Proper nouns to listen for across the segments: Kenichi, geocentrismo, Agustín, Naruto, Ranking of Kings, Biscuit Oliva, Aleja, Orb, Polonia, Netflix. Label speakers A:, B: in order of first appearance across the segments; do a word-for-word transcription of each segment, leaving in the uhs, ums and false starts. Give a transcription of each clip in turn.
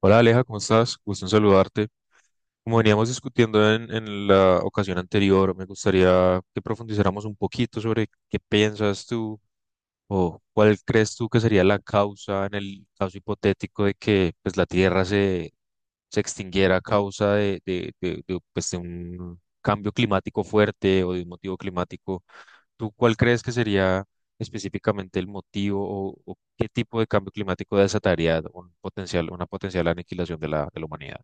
A: Hola Aleja, ¿cómo estás? Gusto en saludarte. Como veníamos discutiendo en, en la ocasión anterior, me gustaría que profundizáramos un poquito sobre qué piensas tú o cuál crees tú que sería la causa en el caso hipotético de que pues, la Tierra se, se extinguiera a causa de, de, de- de, pues, de un cambio climático fuerte o de un motivo climático. ¿Tú cuál crees que sería específicamente el motivo o, o qué tipo de cambio climático desataría un potencial, una potencial aniquilación de la, de la humanidad?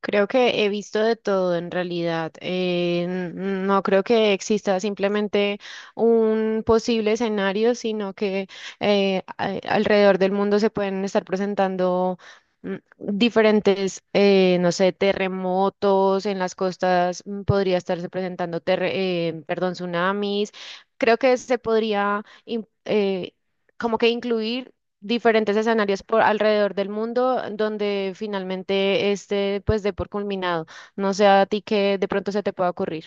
B: Creo que he visto de todo en realidad. Eh, n- no creo que exista simplemente un posible escenario, sino que eh, a- alrededor del mundo se pueden estar presentando mm, diferentes, eh, no sé, terremotos en las costas, mm, podría estarse presentando, terre- eh, perdón, tsunamis. Creo que se podría... im- eh, como que incluir diferentes escenarios por alrededor del mundo donde finalmente este pues dé por culminado. No sé a ti que de pronto se te pueda ocurrir.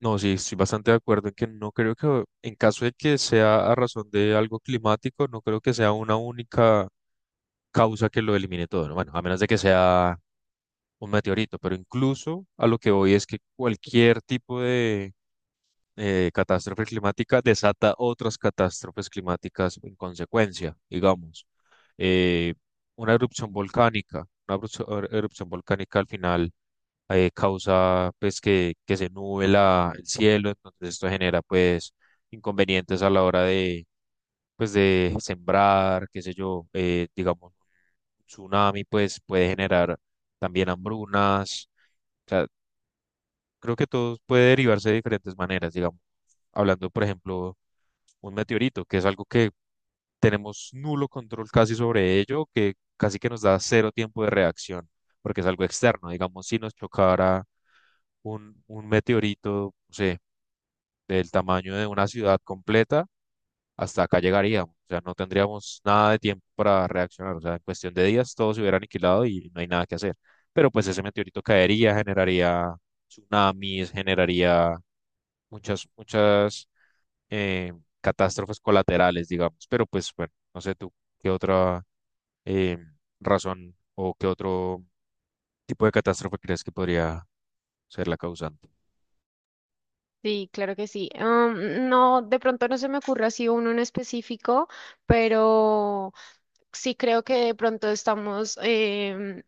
A: No, sí, estoy bastante de acuerdo en que no creo que, en caso de que sea a razón de algo climático, no creo que sea una única causa que lo elimine todo, ¿no? Bueno, a menos de que sea un meteorito, pero incluso a lo que voy es que cualquier tipo de eh, catástrofe climática desata otras catástrofes climáticas en consecuencia, digamos. Eh, una erupción volcánica, una erupción erupción volcánica al final eh, causa pues que, que se nube la- el cielo, entonces esto genera pues inconvenientes a la hora de pues de sembrar, qué sé yo, eh, digamos, un tsunami pues puede generar también hambrunas. Creo que todo puede derivarse de diferentes maneras, digamos. Hablando, por ejemplo, un meteorito, que es algo que tenemos nulo control casi sobre ello, que casi que nos da cero tiempo de reacción, porque es algo externo. Digamos, si nos chocara un, un meteorito, no sé, del tamaño de una ciudad completa, hasta acá llegaríamos. O sea, no tendríamos nada de tiempo para reaccionar. O sea, en cuestión de días todo se hubiera aniquilado y no hay nada que hacer. Pero pues ese meteorito caería, generaría tsunamis, generaría muchas, muchas eh, catástrofes colaterales, digamos. Pero pues bueno, no sé tú qué otra eh, razón o qué otro tipo de catástrofe crees que podría ser la causante.
B: Sí, claro que sí. Um, no, de pronto no se me ocurre así uno en específico, pero sí creo que de pronto estamos em,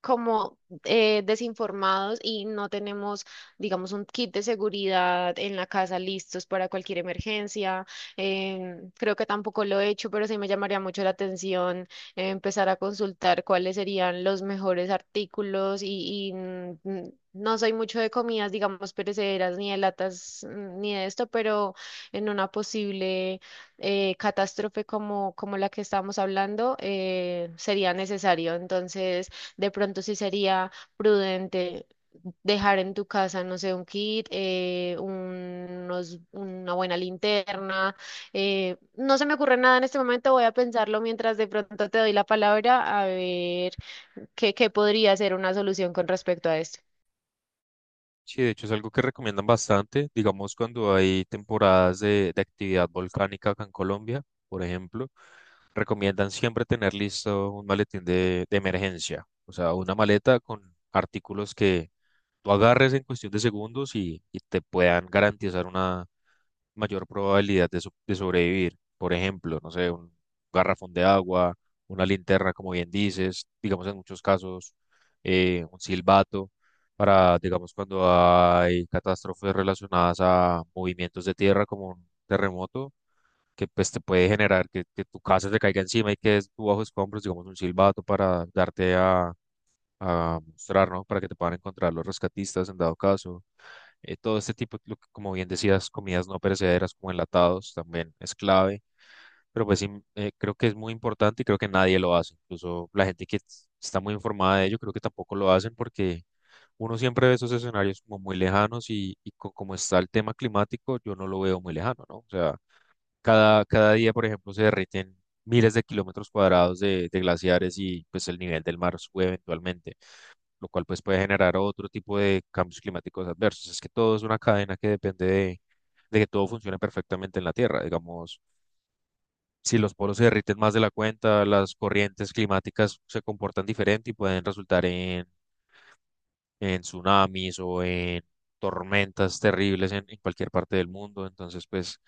B: como eh, desinformados y no tenemos, digamos, un kit de seguridad en la casa listos para cualquier emergencia. Em, creo que tampoco lo he hecho, pero sí me llamaría mucho la atención eh, empezar a consultar cuáles serían los mejores artículos y, y, mm, mm, no soy mucho de comidas, digamos, perecederas, ni de latas, mm, ni de esto, pero en una posible eh, catástrofe como, como la que estamos hablando, eh, sería necesario. Entonces, de pronto sí sería prudente dejar en tu casa, no sé, un kit, eh, unos- una buena linterna. Eh, no se me ocurre nada en este momento, voy a pensarlo mientras de pronto te doy la palabra a ver qué, qué podría ser una solución con respecto a esto.
A: Sí, de hecho es algo que recomiendan bastante, digamos cuando hay temporadas de, de actividad volcánica acá en Colombia, por ejemplo, recomiendan siempre tener listo un maletín de, de emergencia, o sea, una maleta con artículos que tú agarres en cuestión de segundos y, y te puedan garantizar mayor probabilidad de, so- de sobrevivir. Por ejemplo, no sé, un garrafón de agua, una linterna, como bien dices, digamos en muchos casos, eh, un silbato, para, digamos, cuando hay catástrofes relacionadas a movimientos de tierra como un terremoto, que pues te puede generar que, que tu casa te caiga encima y que tú bajo escombros, digamos, un silbato para darte a, a mostrar, ¿no? Para que te puedan encontrar los rescatistas en dado caso. Eh, todo este tipo, lo que- como bien decías, comidas no perecederas como enlatados también es clave, pero pues sí, eh, creo que es muy importante y creo que nadie lo hace. Incluso la gente que s- está muy informada de ello, creo que tampoco lo hacen porque uno siempre ve esos escenarios como muy lejanos y, y co- como está el tema climático, yo no lo veo muy lejano, ¿no? O sea, cada, cada día, por ejemplo, se derriten miles de kilómetros cuadrados de, de glaciares y pues el nivel del mar sube eventualmente lo cual pues puede generar otro tipo de cambios climáticos adversos. Es que todo es una cadena que depende de, de que todo funcione perfectamente en la Tierra. Digamos, si los polos se derriten más de la cuenta, las corrientes climáticas se comportan diferente y pueden resultar en, en tsunamis o en tormentas terribles en, en cualquier parte del mundo. Entonces, pues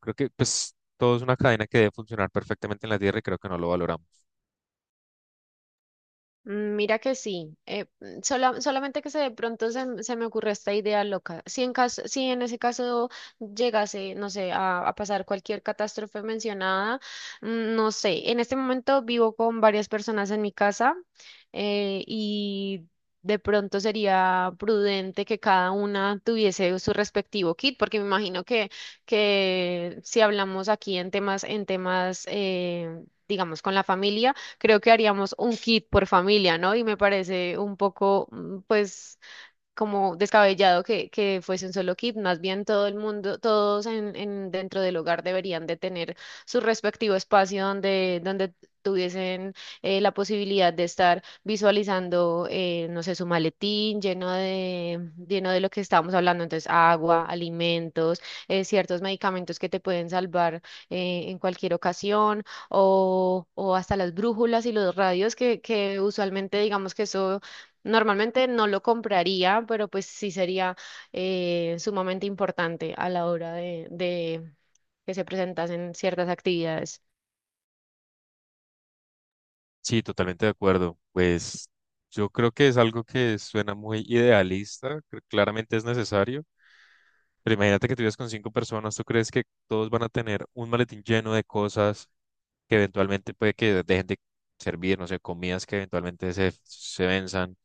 A: creo que pues todo es una cadena que debe funcionar perfectamente en la Tierra y creo que no lo valoramos.
B: Mm, Mira que sí, eh, mm, sola- solamente que se de pronto se, m- se me ocurre esta idea loca. Si en caso, si en ese caso llegase, no sé, a, a pasar cualquier catástrofe mencionada, mm, no sé, en este momento vivo con varias personas en mi casa eh, y de pronto sería prudente que cada una tuviese su respectivo kit, porque me imagino que, que si hablamos aquí en temas, en temas eh, digamos, con la familia, creo que haríamos un kit por familia, ¿no? Y me parece un poco, mm, pues, como descabellado que, que fuese un solo kit, más bien todo el mundo, todos en, en- dentro del hogar deberían de tener su respectivo espacio donde, donde tuviesen eh, la posibilidad de estar visualizando, eh, no sé, su maletín lleno de, lleno de lo que estábamos hablando, entonces agua, alimentos, eh, ciertos medicamentos que te pueden salvar eh, en cualquier ocasión, o, o hasta las brújulas y los radios que, que usualmente digamos que eso. Normalmente no lo compraría, pero pues sí sería eh, sumamente importante a la hora de, de que se presentasen ciertas actividades.
A: Sí, totalmente de acuerdo. Pues yo creo que es algo que suena muy idealista, cl- claramente es necesario, pero imagínate que tú vives con cinco personas, ¿tú crees que todos van a tener un maletín lleno de cosas que eventualmente puede que dejen de servir, no sé, comidas que eventualmente se, se venzan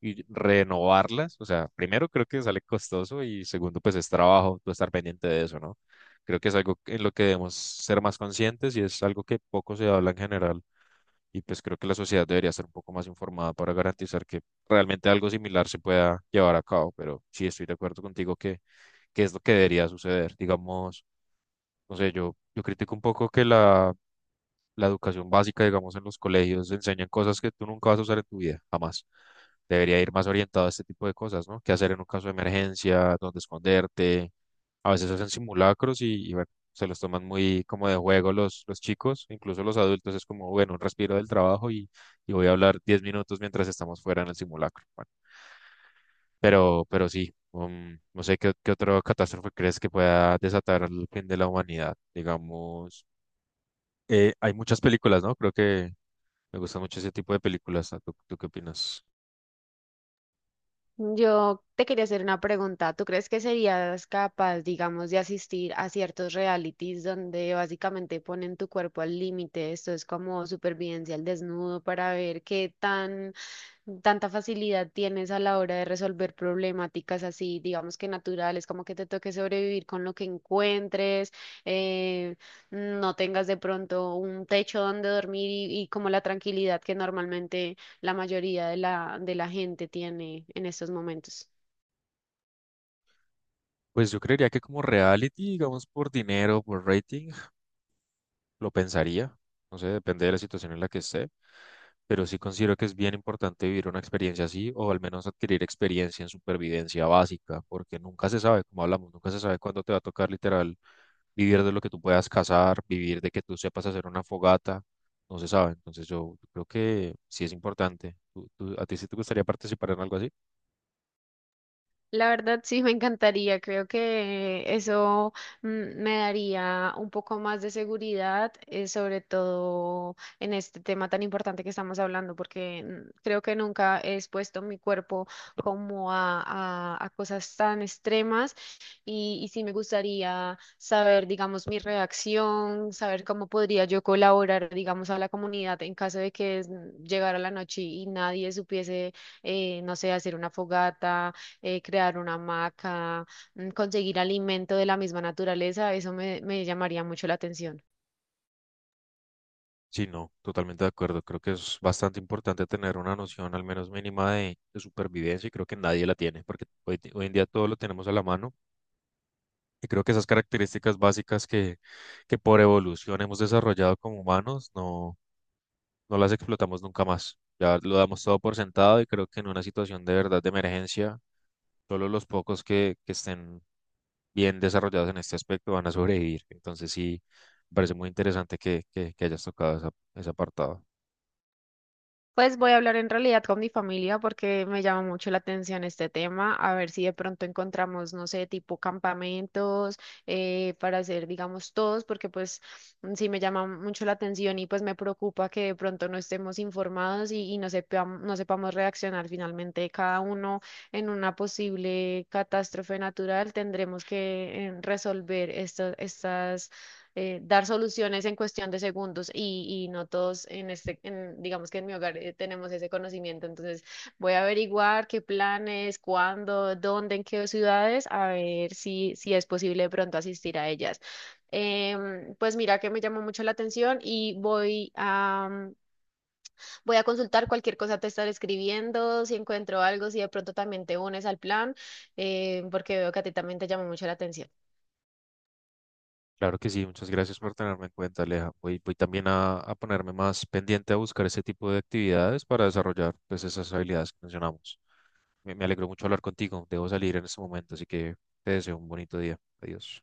A: y renovarlas? O sea, primero creo que sale costoso y segundo pues es trabajo, tú estar pendiente de eso, ¿no? Creo que es algo en lo que debemos ser más conscientes y es algo que poco se habla en general. Y pues creo que la sociedad debería estar un poco más informada para garantizar que realmente algo similar se pueda llevar a cabo. Pero sí estoy de acuerdo contigo que, que es lo que debería suceder. Digamos, no sé, yo, yo critico un poco que la la educación básica, digamos, en los colegios, enseñan cosas que tú nunca vas a usar en tu vida, jamás. Debería ir más orientado a este tipo de cosas, ¿no? ¿Qué hacer en un caso de emergencia? ¿Dónde esconderte? A veces hacen simulacros y, y bueno, se los toman muy como de juego los, los chicos, incluso los adultos. Es como, bueno, un respiro del trabajo y, y voy a hablar diez minutos mientras estamos fuera en el simulacro. Bueno, pero, pero sí, um, no sé qué, qué otra catástrofe crees que pueda desatar el fin de la humanidad. Digamos, eh, hay muchas películas, ¿no? Creo que me gusta mucho ese tipo de películas. ¿No? ¿Tú, tú qué opinas?
B: Yo te quería hacer una pregunta. ¿Tú crees que serías capaz, digamos, de asistir a ciertos realities donde básicamente ponen tu cuerpo al límite? Esto es como supervivencia al desnudo para ver qué tan tanta facilidad tienes a la hora de resolver problemáticas así, digamos que naturales, como que te toque sobrevivir con lo que encuentres, eh, no tengas de pronto un techo donde dormir y, y como la tranquilidad que normalmente la mayoría de la, de la gente tiene en estos momentos.
A: Pues yo creería que como reality, digamos, por dinero, por rating, lo pensaría. No sé, depende de la situación en la que esté. Pero sí considero que es bien importante vivir una experiencia así o al menos adquirir experiencia en supervivencia básica, porque nunca se sabe, como hablamos, nunca se sabe cuándo te va a tocar literal vivir de lo que tú puedas cazar, vivir de que tú sepas hacer una fogata, no se sabe. Entonces yo creo que sí es importante. ¿Tú, tú- a ti sí te gustaría participar en algo así?
B: La verdad sí me encantaría, creo que eso mm, me daría un poco más de seguridad, eh, sobre todo en este tema tan importante que estamos hablando, porque mm, creo que nunca he expuesto mi cuerpo como a, a- a cosas tan extremas y, y sí me gustaría saber, digamos, mi reacción, saber cómo podría yo colaborar, digamos, a la comunidad en caso de que mm, llegara la noche y nadie supiese, eh, no sé, hacer una fogata eh, crear una hamaca, mm, conseguir alimento de la misma naturaleza, eso me, me llamaría mucho la atención.
A: Sí, no, totalmente de acuerdo. Creo que es bastante importante tener una noción al menos mínima de, de supervivencia y creo que nadie la tiene porque hoy, hoy en día todo lo tenemos a la mano y creo que esas características básicas que, que por evolución hemos desarrollado como humanos no, no las explotamos nunca más. Ya lo damos todo por sentado y creo que en una situación de verdad de emergencia, solo los pocos que, que estén bien desarrollados en este aspecto van a sobrevivir. Entonces sí, me parece muy interesante que, que, que hayas tocado esa- ese apartado.
B: Pues voy a hablar en realidad con mi familia porque me llama mucho la atención este tema, a ver si de pronto encontramos, no sé, tipo campamentos eh, para hacer, digamos, todos, porque pues mm, sí me llama mucho la atención y pues me preocupa que de pronto no estemos informados y, y no sepam- no sepamos reaccionar finalmente cada uno en una posible catástrofe natural. Tendremos que eh, resolver estas eh, dar soluciones en cuestión de segundos y, y no todos en este, en- digamos que en mi hogar eh, tenemos ese conocimiento. Entonces voy a averiguar qué planes, cuándo, dónde, en qué ciudades, a ver si, si es posible de pronto asistir a ellas. Em, pues mira que me llamó mucho la atención y voy a, mm, voy a consultar cualquier cosa te estaré escribiendo, si encuentro algo, si de pronto también te unes al plan, eh, porque veo que a ti también te llamó mucho la atención.
A: Claro que sí, muchas gracias por tenerme en cuenta, Aleja. Voy, voy también a, a ponerme más pendiente a buscar ese tipo de actividades para desarrollar pues, esas habilidades que mencionamos. Me, me alegró mucho hablar contigo. Debo salir en este momento, así que te deseo un bonito día. Adiós.